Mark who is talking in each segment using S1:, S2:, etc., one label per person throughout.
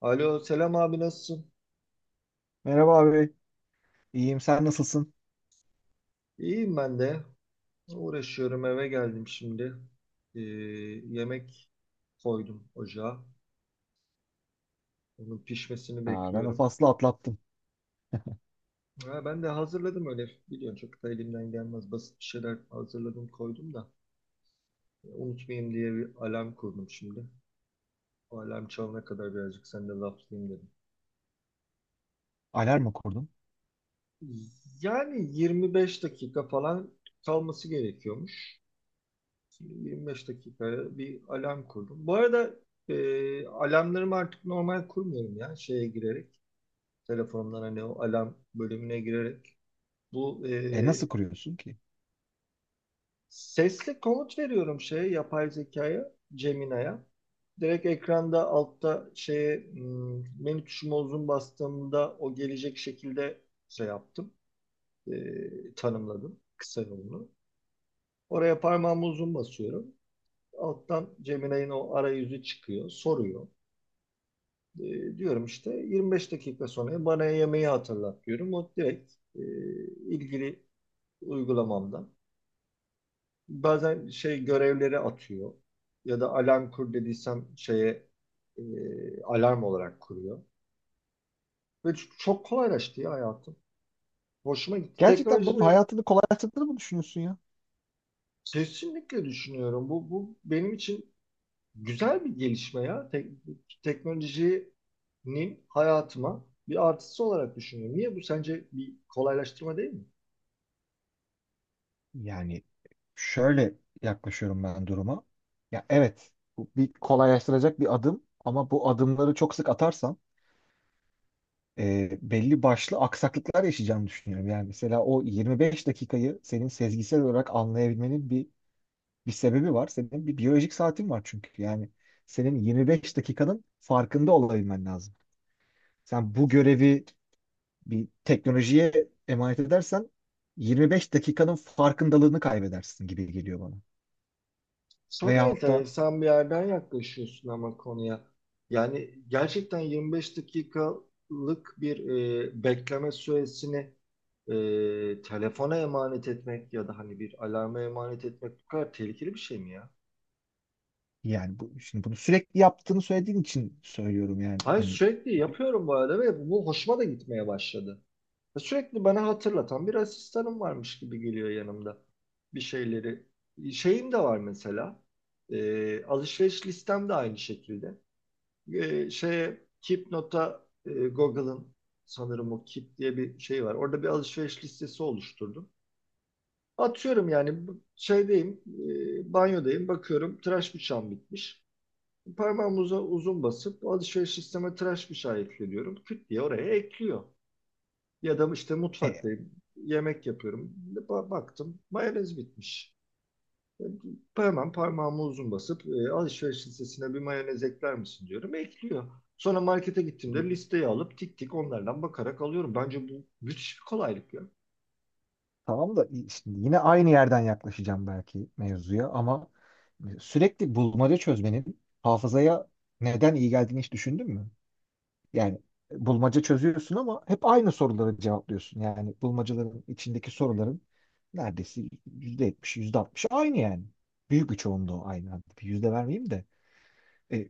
S1: Alo, selam abi nasılsın?
S2: Merhaba abi. İyiyim. Sen nasılsın?
S1: İyiyim ben de. Uğraşıyorum, eve geldim şimdi. Ee, Yemek koydum ocağa. Onun pişmesini
S2: Aa, ben o
S1: bekliyorum.
S2: faslı atlattım.
S1: Ha, ben de hazırladım öyle. Biliyorsun çok da elimden gelmez. Basit bir şeyler hazırladım, koydum da. Unutmayayım diye bir alarm kurdum şimdi. O alarm çalana kadar birazcık seninle laflayayım dedim.
S2: Alarm mı kurdun?
S1: Yani 25 dakika falan kalması gerekiyormuş. 25 dakikaya bir alarm kurdum. Bu arada alarmlarımı artık normal kurmuyorum ya, şeye girerek. Telefondan hani o alarm bölümüne girerek. Bu
S2: E nasıl
S1: e,
S2: kuruyorsun ki?
S1: Sesli komut veriyorum şeye, yapay zekaya, Gemini'ye. Direkt ekranda altta şeye menü tuşuma uzun bastığımda o gelecek şekilde şey yaptım. Tanımladım kısa yolunu. Oraya parmağımı uzun basıyorum. Alttan Gemini'nin o arayüzü çıkıyor, soruyor. Diyorum işte 25 dakika sonra bana yemeği hatırlat diyorum. O direkt ilgili uygulamamdan. Bazen şey görevleri atıyor ya da alarm kur dediysem şeye e, alarm olarak kuruyor. Ve çok kolaylaştı ya hayatım. Hoşuma gitti.
S2: Gerçekten bunun
S1: Teknolojileri
S2: hayatını kolaylaştırdığını mı düşünüyorsun ya?
S1: kesinlikle düşünüyorum. Bu benim için güzel bir gelişme ya. Teknolojinin hayatıma bir artısı olarak düşünüyorum. Niye, bu sence bir kolaylaştırma değil mi?
S2: Yani şöyle yaklaşıyorum ben duruma. Ya evet, bu bir kolaylaştıracak bir adım ama bu adımları çok sık atarsam belli başlı aksaklıklar yaşayacağımı düşünüyorum. Yani mesela o 25 dakikayı senin sezgisel olarak anlayabilmenin bir sebebi var. Senin bir biyolojik saatin var çünkü. Yani senin 25 dakikanın farkında olabilmen lazım. Sen bu görevi bir teknolojiye emanet edersen 25 dakikanın farkındalığını kaybedersin gibi geliyor bana.
S1: Çok
S2: Veyahut da
S1: enteresan bir yerden yaklaşıyorsun ama konuya. Yani gerçekten 25 dakikalık bir bekleme süresini telefona emanet etmek ya da hani bir alarma emanet etmek bu kadar tehlikeli bir şey mi ya?
S2: yani bu, şimdi bunu sürekli yaptığını söylediğin için söylüyorum yani
S1: Hayır,
S2: hani
S1: sürekli yapıyorum bu arada ve bu hoşuma da gitmeye başladı. Ve sürekli bana hatırlatan bir asistanım varmış gibi geliyor yanımda, bir şeyleri. Şeyim de var mesela. Alışveriş listem de aynı şekilde. Şeye, Keepnote'a, Google'ın sanırım o Keep diye bir şey var. Orada bir alışveriş listesi oluşturdum. Atıyorum yani, şeydeyim, banyodayım, bakıyorum tıraş bıçağım bitmiş. Parmağımı uzun basıp alışveriş listeme tıraş bıçağı ekle diyorum. Küt diye oraya ekliyor. Ya da işte
S2: e, e,
S1: mutfaktayım, yemek yapıyorum. Baktım mayonez bitmiş. Hemen parmağımı uzun basıp alışveriş listesine bir mayonez ekler misin diyorum. Ekliyor. Sonra markete gittiğimde listeyi alıp tik tik onlardan bakarak alıyorum. Bence bu müthiş bir kolaylık ya.
S2: tamam da şimdi yine aynı yerden yaklaşacağım belki mevzuya ama sürekli bulmaca çözmenin hafızaya neden iyi geldiğini hiç düşündün mü? Yani bulmaca çözüyorsun ama hep aynı soruları cevaplıyorsun. Yani bulmacaların içindeki soruların neredeyse %70, %60 aynı yani. Büyük bir çoğunluğu aynı. Hadi bir yüzde vermeyeyim de. E,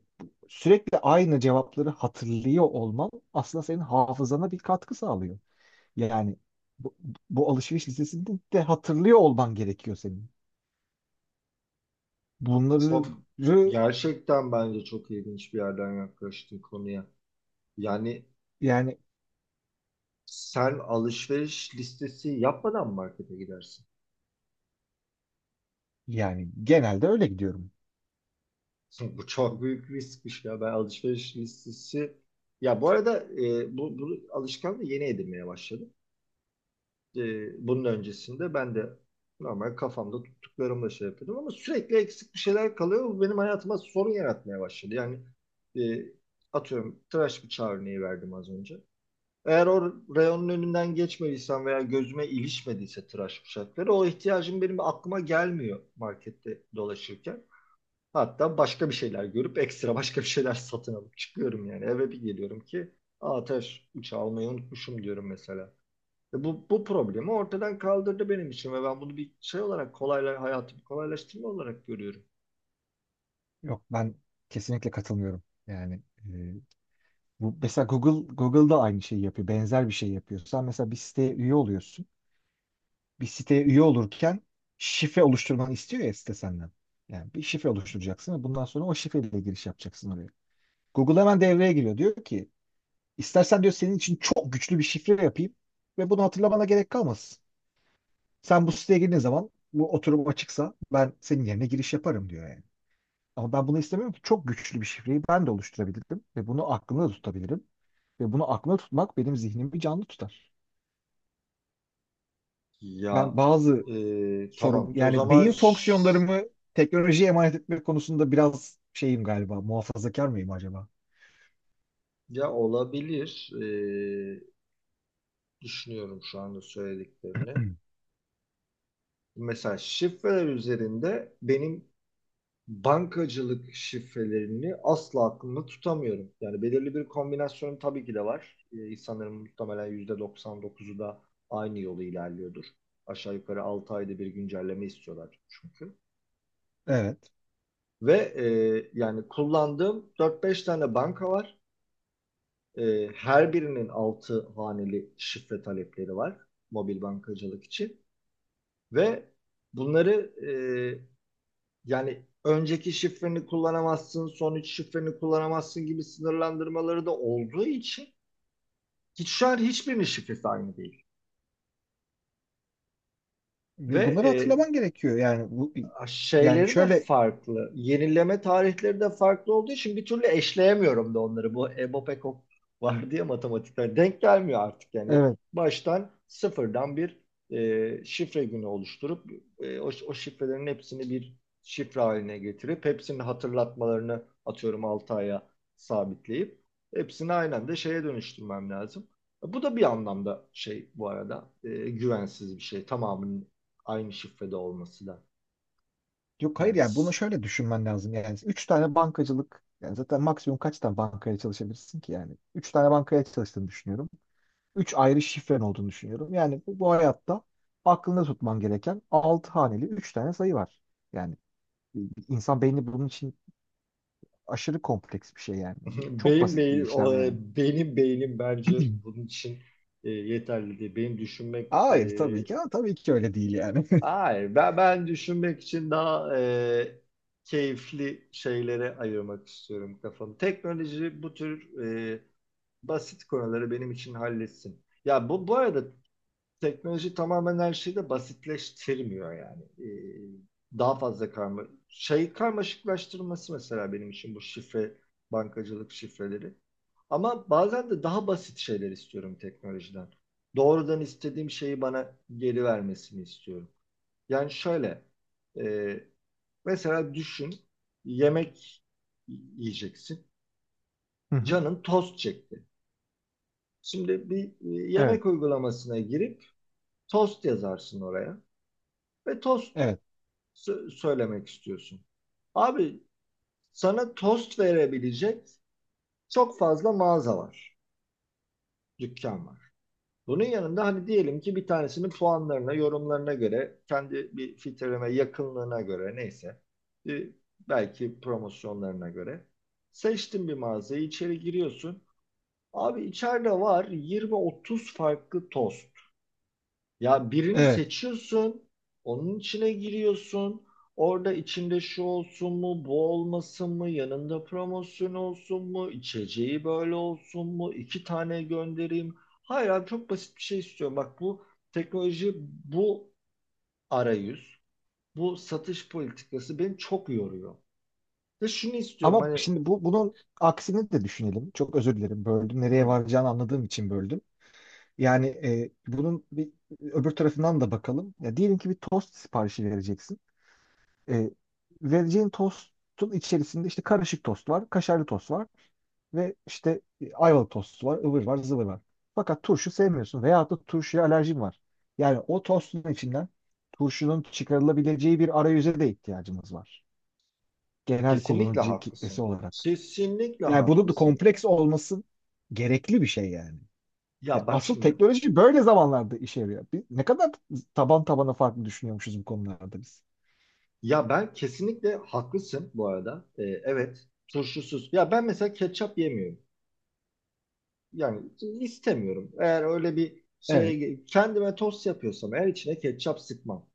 S2: Sürekli aynı cevapları hatırlıyor olman aslında senin hafızana bir katkı sağlıyor. Yani bu, bu alışveriş listesinde de hatırlıyor olman gerekiyor senin. Bunları.
S1: Çok Gerçekten bence çok ilginç bir yerden yaklaştın konuya. Yani
S2: yani
S1: sen alışveriş listesi yapmadan markete gidersin.
S2: yani genelde öyle gidiyorum.
S1: Bu çok büyük riskmiş ya. Ben alışveriş listesi, ya bu arada bu alışkanlığı yeni edinmeye başladım. Bunun öncesinde ben de normal kafamda tuttuklarımla şey yapıyordum ama sürekli eksik bir şeyler kalıyor. Bu benim hayatıma sorun yaratmaya başladı. Yani e, atıyorum, tıraş bıçağı örneği verdim az önce. Eğer o reyonun önünden geçmediysem veya gözüme ilişmediyse tıraş bıçakları, o ihtiyacım benim aklıma gelmiyor markette dolaşırken. Hatta başka bir şeyler görüp ekstra başka bir şeyler satın alıp çıkıyorum yani. Eve bir geliyorum ki, aa, tıraş bıçağı almayı unutmuşum diyorum mesela. Ve bu problemi ortadan kaldırdı benim için ve ben bunu bir şey olarak hayatımı kolaylaştırma olarak görüyorum.
S2: Yok ben kesinlikle katılmıyorum. Yani bu, mesela Google'da aynı şeyi yapıyor. Benzer bir şey yapıyor. Sen mesela bir siteye üye oluyorsun. Bir siteye üye olurken şifre oluşturmanı istiyor ya site senden. Yani bir şifre oluşturacaksın ve bundan sonra o şifreyle giriş yapacaksın oraya. Google hemen devreye giriyor. Diyor ki istersen diyor senin için çok güçlü bir şifre yapayım ve bunu hatırlamana gerek kalmasın. Sen bu siteye girdiğin zaman bu oturum açıksa ben senin yerine giriş yaparım diyor yani. Ama ben bunu istemiyorum ki çok güçlü bir şifreyi ben de oluşturabilirim ve bunu aklımda tutabilirim. Ve bunu aklımda tutmak benim zihnimi canlı tutar.
S1: Ya
S2: Ben bazı sorum
S1: tamam, o
S2: yani
S1: zaman
S2: beyin fonksiyonlarımı teknolojiye emanet etmek konusunda biraz şeyim galiba muhafazakar mıyım acaba?
S1: ya olabilir, düşünüyorum şu anda söylediklerini. Mesela şifreler üzerinde benim bankacılık şifrelerini asla aklımda tutamıyorum. Yani belirli bir kombinasyonum tabii ki de var. İnsanların muhtemelen %99'u da aynı yolu ilerliyordur. Aşağı yukarı 6 ayda bir güncelleme istiyorlar çünkü.
S2: Evet.
S1: Ve yani kullandığım dört beş tane banka var. Her birinin 6 haneli şifre talepleri var mobil bankacılık için. Ve bunları, e, yani önceki şifreni kullanamazsın, son üç şifreni kullanamazsın gibi sınırlandırmaları da olduğu için hiç şu an hiçbirinin şifresi aynı değil. Ve
S2: Ve bunları hatırlaman gerekiyor. Yani bu, yani
S1: şeyleri de
S2: şöyle,
S1: farklı. Yenileme tarihleri de farklı olduğu için bir türlü eşleyemiyorum da onları. Bu EBOPEKOP var diye matematikten denk gelmiyor artık yani.
S2: evet.
S1: Baştan sıfırdan bir şifre günü oluşturup o şifrelerin hepsini bir şifre haline getirip hepsinin hatırlatmalarını atıyorum 6 aya sabitleyip hepsini aynen de şeye dönüştürmem lazım. Bu da bir anlamda şey bu arada, güvensiz bir şey. Tamamının aynı şifrede olması da.
S2: Yok hayır
S1: Yani
S2: yani bunu
S1: s-
S2: şöyle düşünmen lazım. Yani üç tane bankacılık yani zaten maksimum kaç tane bankaya çalışabilirsin ki yani? Üç tane bankaya çalıştığını düşünüyorum. Üç ayrı şifren olduğunu düşünüyorum. Yani bu hayatta aklında tutman gereken altı haneli üç tane sayı var. Yani e, insan beyni bunun için aşırı kompleks bir şey yani. Bu çok
S1: beyin
S2: basit
S1: beyin
S2: bir işlem yani.
S1: Benim beynim bence bunun için yeterli değil.
S2: Hayır tabii ki. Ha, tabii ki öyle değil yani.
S1: Hayır, ben düşünmek için daha keyifli şeylere ayırmak istiyorum kafamı. Teknoloji bu tür e, basit konuları benim için halletsin. Ya bu arada teknoloji tamamen her şeyi de basitleştirmiyor yani. Daha fazla karmaşıklaştırması mesela benim için bu şifre, bankacılık şifreleri. Ama bazen de daha basit şeyler istiyorum teknolojiden. Doğrudan istediğim şeyi bana geri vermesini istiyorum. Yani şöyle, e, mesela düşün, yemek yiyeceksin.
S2: Hı hı.
S1: Canın tost çekti. Şimdi bir
S2: Evet,
S1: yemek uygulamasına girip tost yazarsın oraya. Ve tost
S2: evet,
S1: söylemek istiyorsun. Abi sana tost verebilecek çok fazla mağaza var, dükkan var. Bunun yanında hani diyelim ki bir tanesinin puanlarına, yorumlarına göre, kendi bir filtreleme yakınlığına göre neyse, e, belki promosyonlarına göre seçtin bir mağazayı, içeri giriyorsun. Abi içeride var 20-30 farklı tost. Ya birini
S2: evet.
S1: seçiyorsun, onun içine giriyorsun. Orada içinde şu olsun mu, bu olmasın mı, yanında promosyon olsun mu, içeceği böyle olsun mu, iki tane göndereyim. Hayır abi, çok basit bir şey istiyorum. Bak, bu teknoloji, bu arayüz, bu satış politikası beni çok yoruyor. Ve şunu istiyorum
S2: Ama
S1: hani.
S2: şimdi bu, bunun aksini de düşünelim. Çok özür dilerim böldüm. Nereye
S1: Hı,
S2: varacağını anladığım için böldüm. Yani bunun bir öbür tarafından da bakalım. Ya diyelim ki bir tost siparişi vereceksin. E, Vereceğin tostun içerisinde işte karışık tost var, kaşarlı tost var ve işte ayvalık tostu var, ıvır var, zıvır var. Fakat turşu sevmiyorsun veyahut da turşuya alerjin var. Yani o tostun içinden turşunun çıkarılabileceği bir arayüze de ihtiyacımız var. Genel
S1: kesinlikle
S2: kullanıcı kitlesi
S1: haklısın.
S2: olarak.
S1: Kesinlikle
S2: Yani bunun da
S1: haklısın.
S2: kompleks olması gerekli bir şey yani.
S1: Ya
S2: Ya
S1: bak
S2: asıl
S1: şimdi,
S2: teknoloji böyle zamanlarda işe yarıyor. Biz ne kadar taban tabana farklı düşünüyormuşuz bu konularda biz.
S1: ya ben kesinlikle haklısın bu arada. Evet, turşusuz. Ya ben mesela ketçap yemiyorum. Yani istemiyorum. Eğer öyle bir
S2: Evet,
S1: şey, kendime tost yapıyorsam eğer, içine ketçap sıkmam.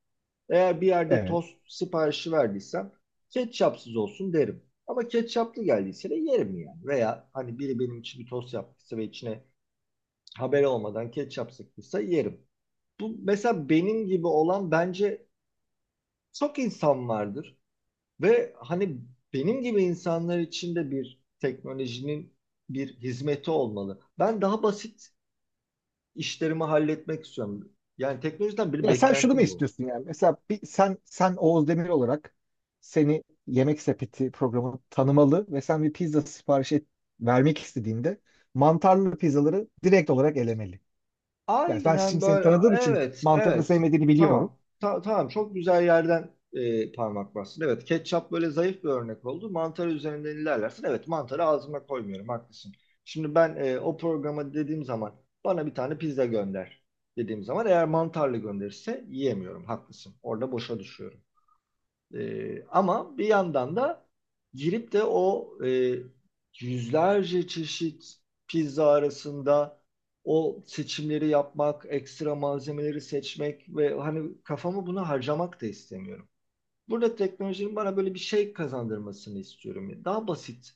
S1: Eğer bir yerde
S2: evet.
S1: tost siparişi verdiysem ketçapsız olsun derim. Ama ketçaplı geldiyse de yerim yani. Veya hani biri benim için bir tost yaptıysa ve içine haber olmadan ketçap sıktıysa yerim. Bu mesela, benim gibi olan bence çok insan vardır. Ve hani benim gibi insanlar için de bir teknolojinin bir hizmeti olmalı. Ben daha basit işlerimi halletmek istiyorum. Yani teknolojiden bir
S2: Ya sen şunu mu
S1: beklentim bu.
S2: istiyorsun yani? Mesela bir, sen Oğuz Demir olarak seni Yemek Sepeti programı tanımalı ve sen bir pizza sipariş et, vermek istediğinde mantarlı pizzaları direkt olarak elemeli. Yani ben
S1: Aynen
S2: şimdi seni
S1: böyle.
S2: tanıdığım için
S1: Evet,
S2: mantarı
S1: evet.
S2: sevmediğini biliyorum.
S1: Tamam. Tamam, çok güzel yerden parmak bastın. Evet, ketçap böyle zayıf bir örnek oldu. Mantar üzerinden ilerlersin. Evet, mantarı ağzıma koymuyorum. Haklısın. Şimdi ben, o programa dediğim zaman bana bir tane pizza gönder dediğim zaman, eğer mantarlı gönderirse yiyemiyorum. Haklısın. Orada boşa düşüyorum. Ama bir yandan da girip de o, yüzlerce çeşit pizza arasında o seçimleri yapmak, ekstra malzemeleri seçmek ve hani kafamı buna harcamak da istemiyorum. Burada teknolojinin bana böyle bir şey kazandırmasını istiyorum. Daha basit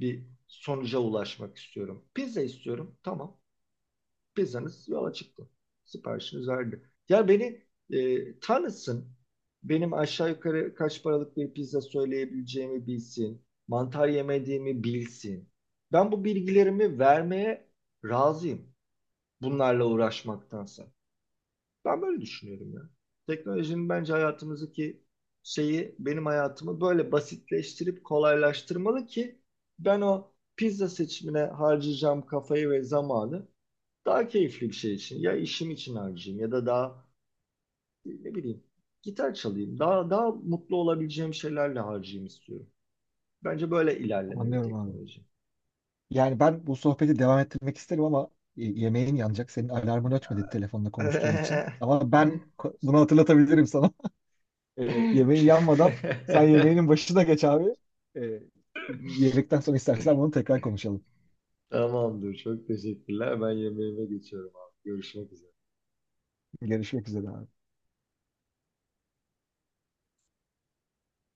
S1: bir sonuca ulaşmak istiyorum. Pizza istiyorum, tamam, pizzanız yola çıktı. Siparişiniz verdi. Ya beni tanısın. Benim aşağı yukarı kaç paralık bir pizza söyleyebileceğimi bilsin. Mantar yemediğimi bilsin. Ben bu bilgilerimi vermeye razıyım, bunlarla uğraşmaktansa. Ben böyle düşünüyorum ya. Teknolojinin bence hayatımızdaki şeyi, benim hayatımı böyle basitleştirip kolaylaştırmalı ki ben o pizza seçimine harcayacağım kafayı ve zamanı daha keyifli bir şey için, ya işim için harcayayım ya da daha, ne bileyim, gitar çalayım. Daha mutlu olabileceğim şeylerle harcayayım istiyorum. Bence böyle ilerlemeli
S2: Anlıyorum abi.
S1: teknoloji.
S2: Yani ben bu sohbeti devam ettirmek isterim ama yemeğin yanacak. Senin alarmın ötmedi telefonla konuştuğun için. Ama ben bunu hatırlatabilirim sana. Yemeği yanmadan sen yemeğinin başına geç abi. E, Yemekten sonra istersen bunu tekrar konuşalım.
S1: Tamamdır. Çok teşekkürler. Ben yemeğime geçiyorum abi. Görüşmek üzere.
S2: Görüşmek üzere abi.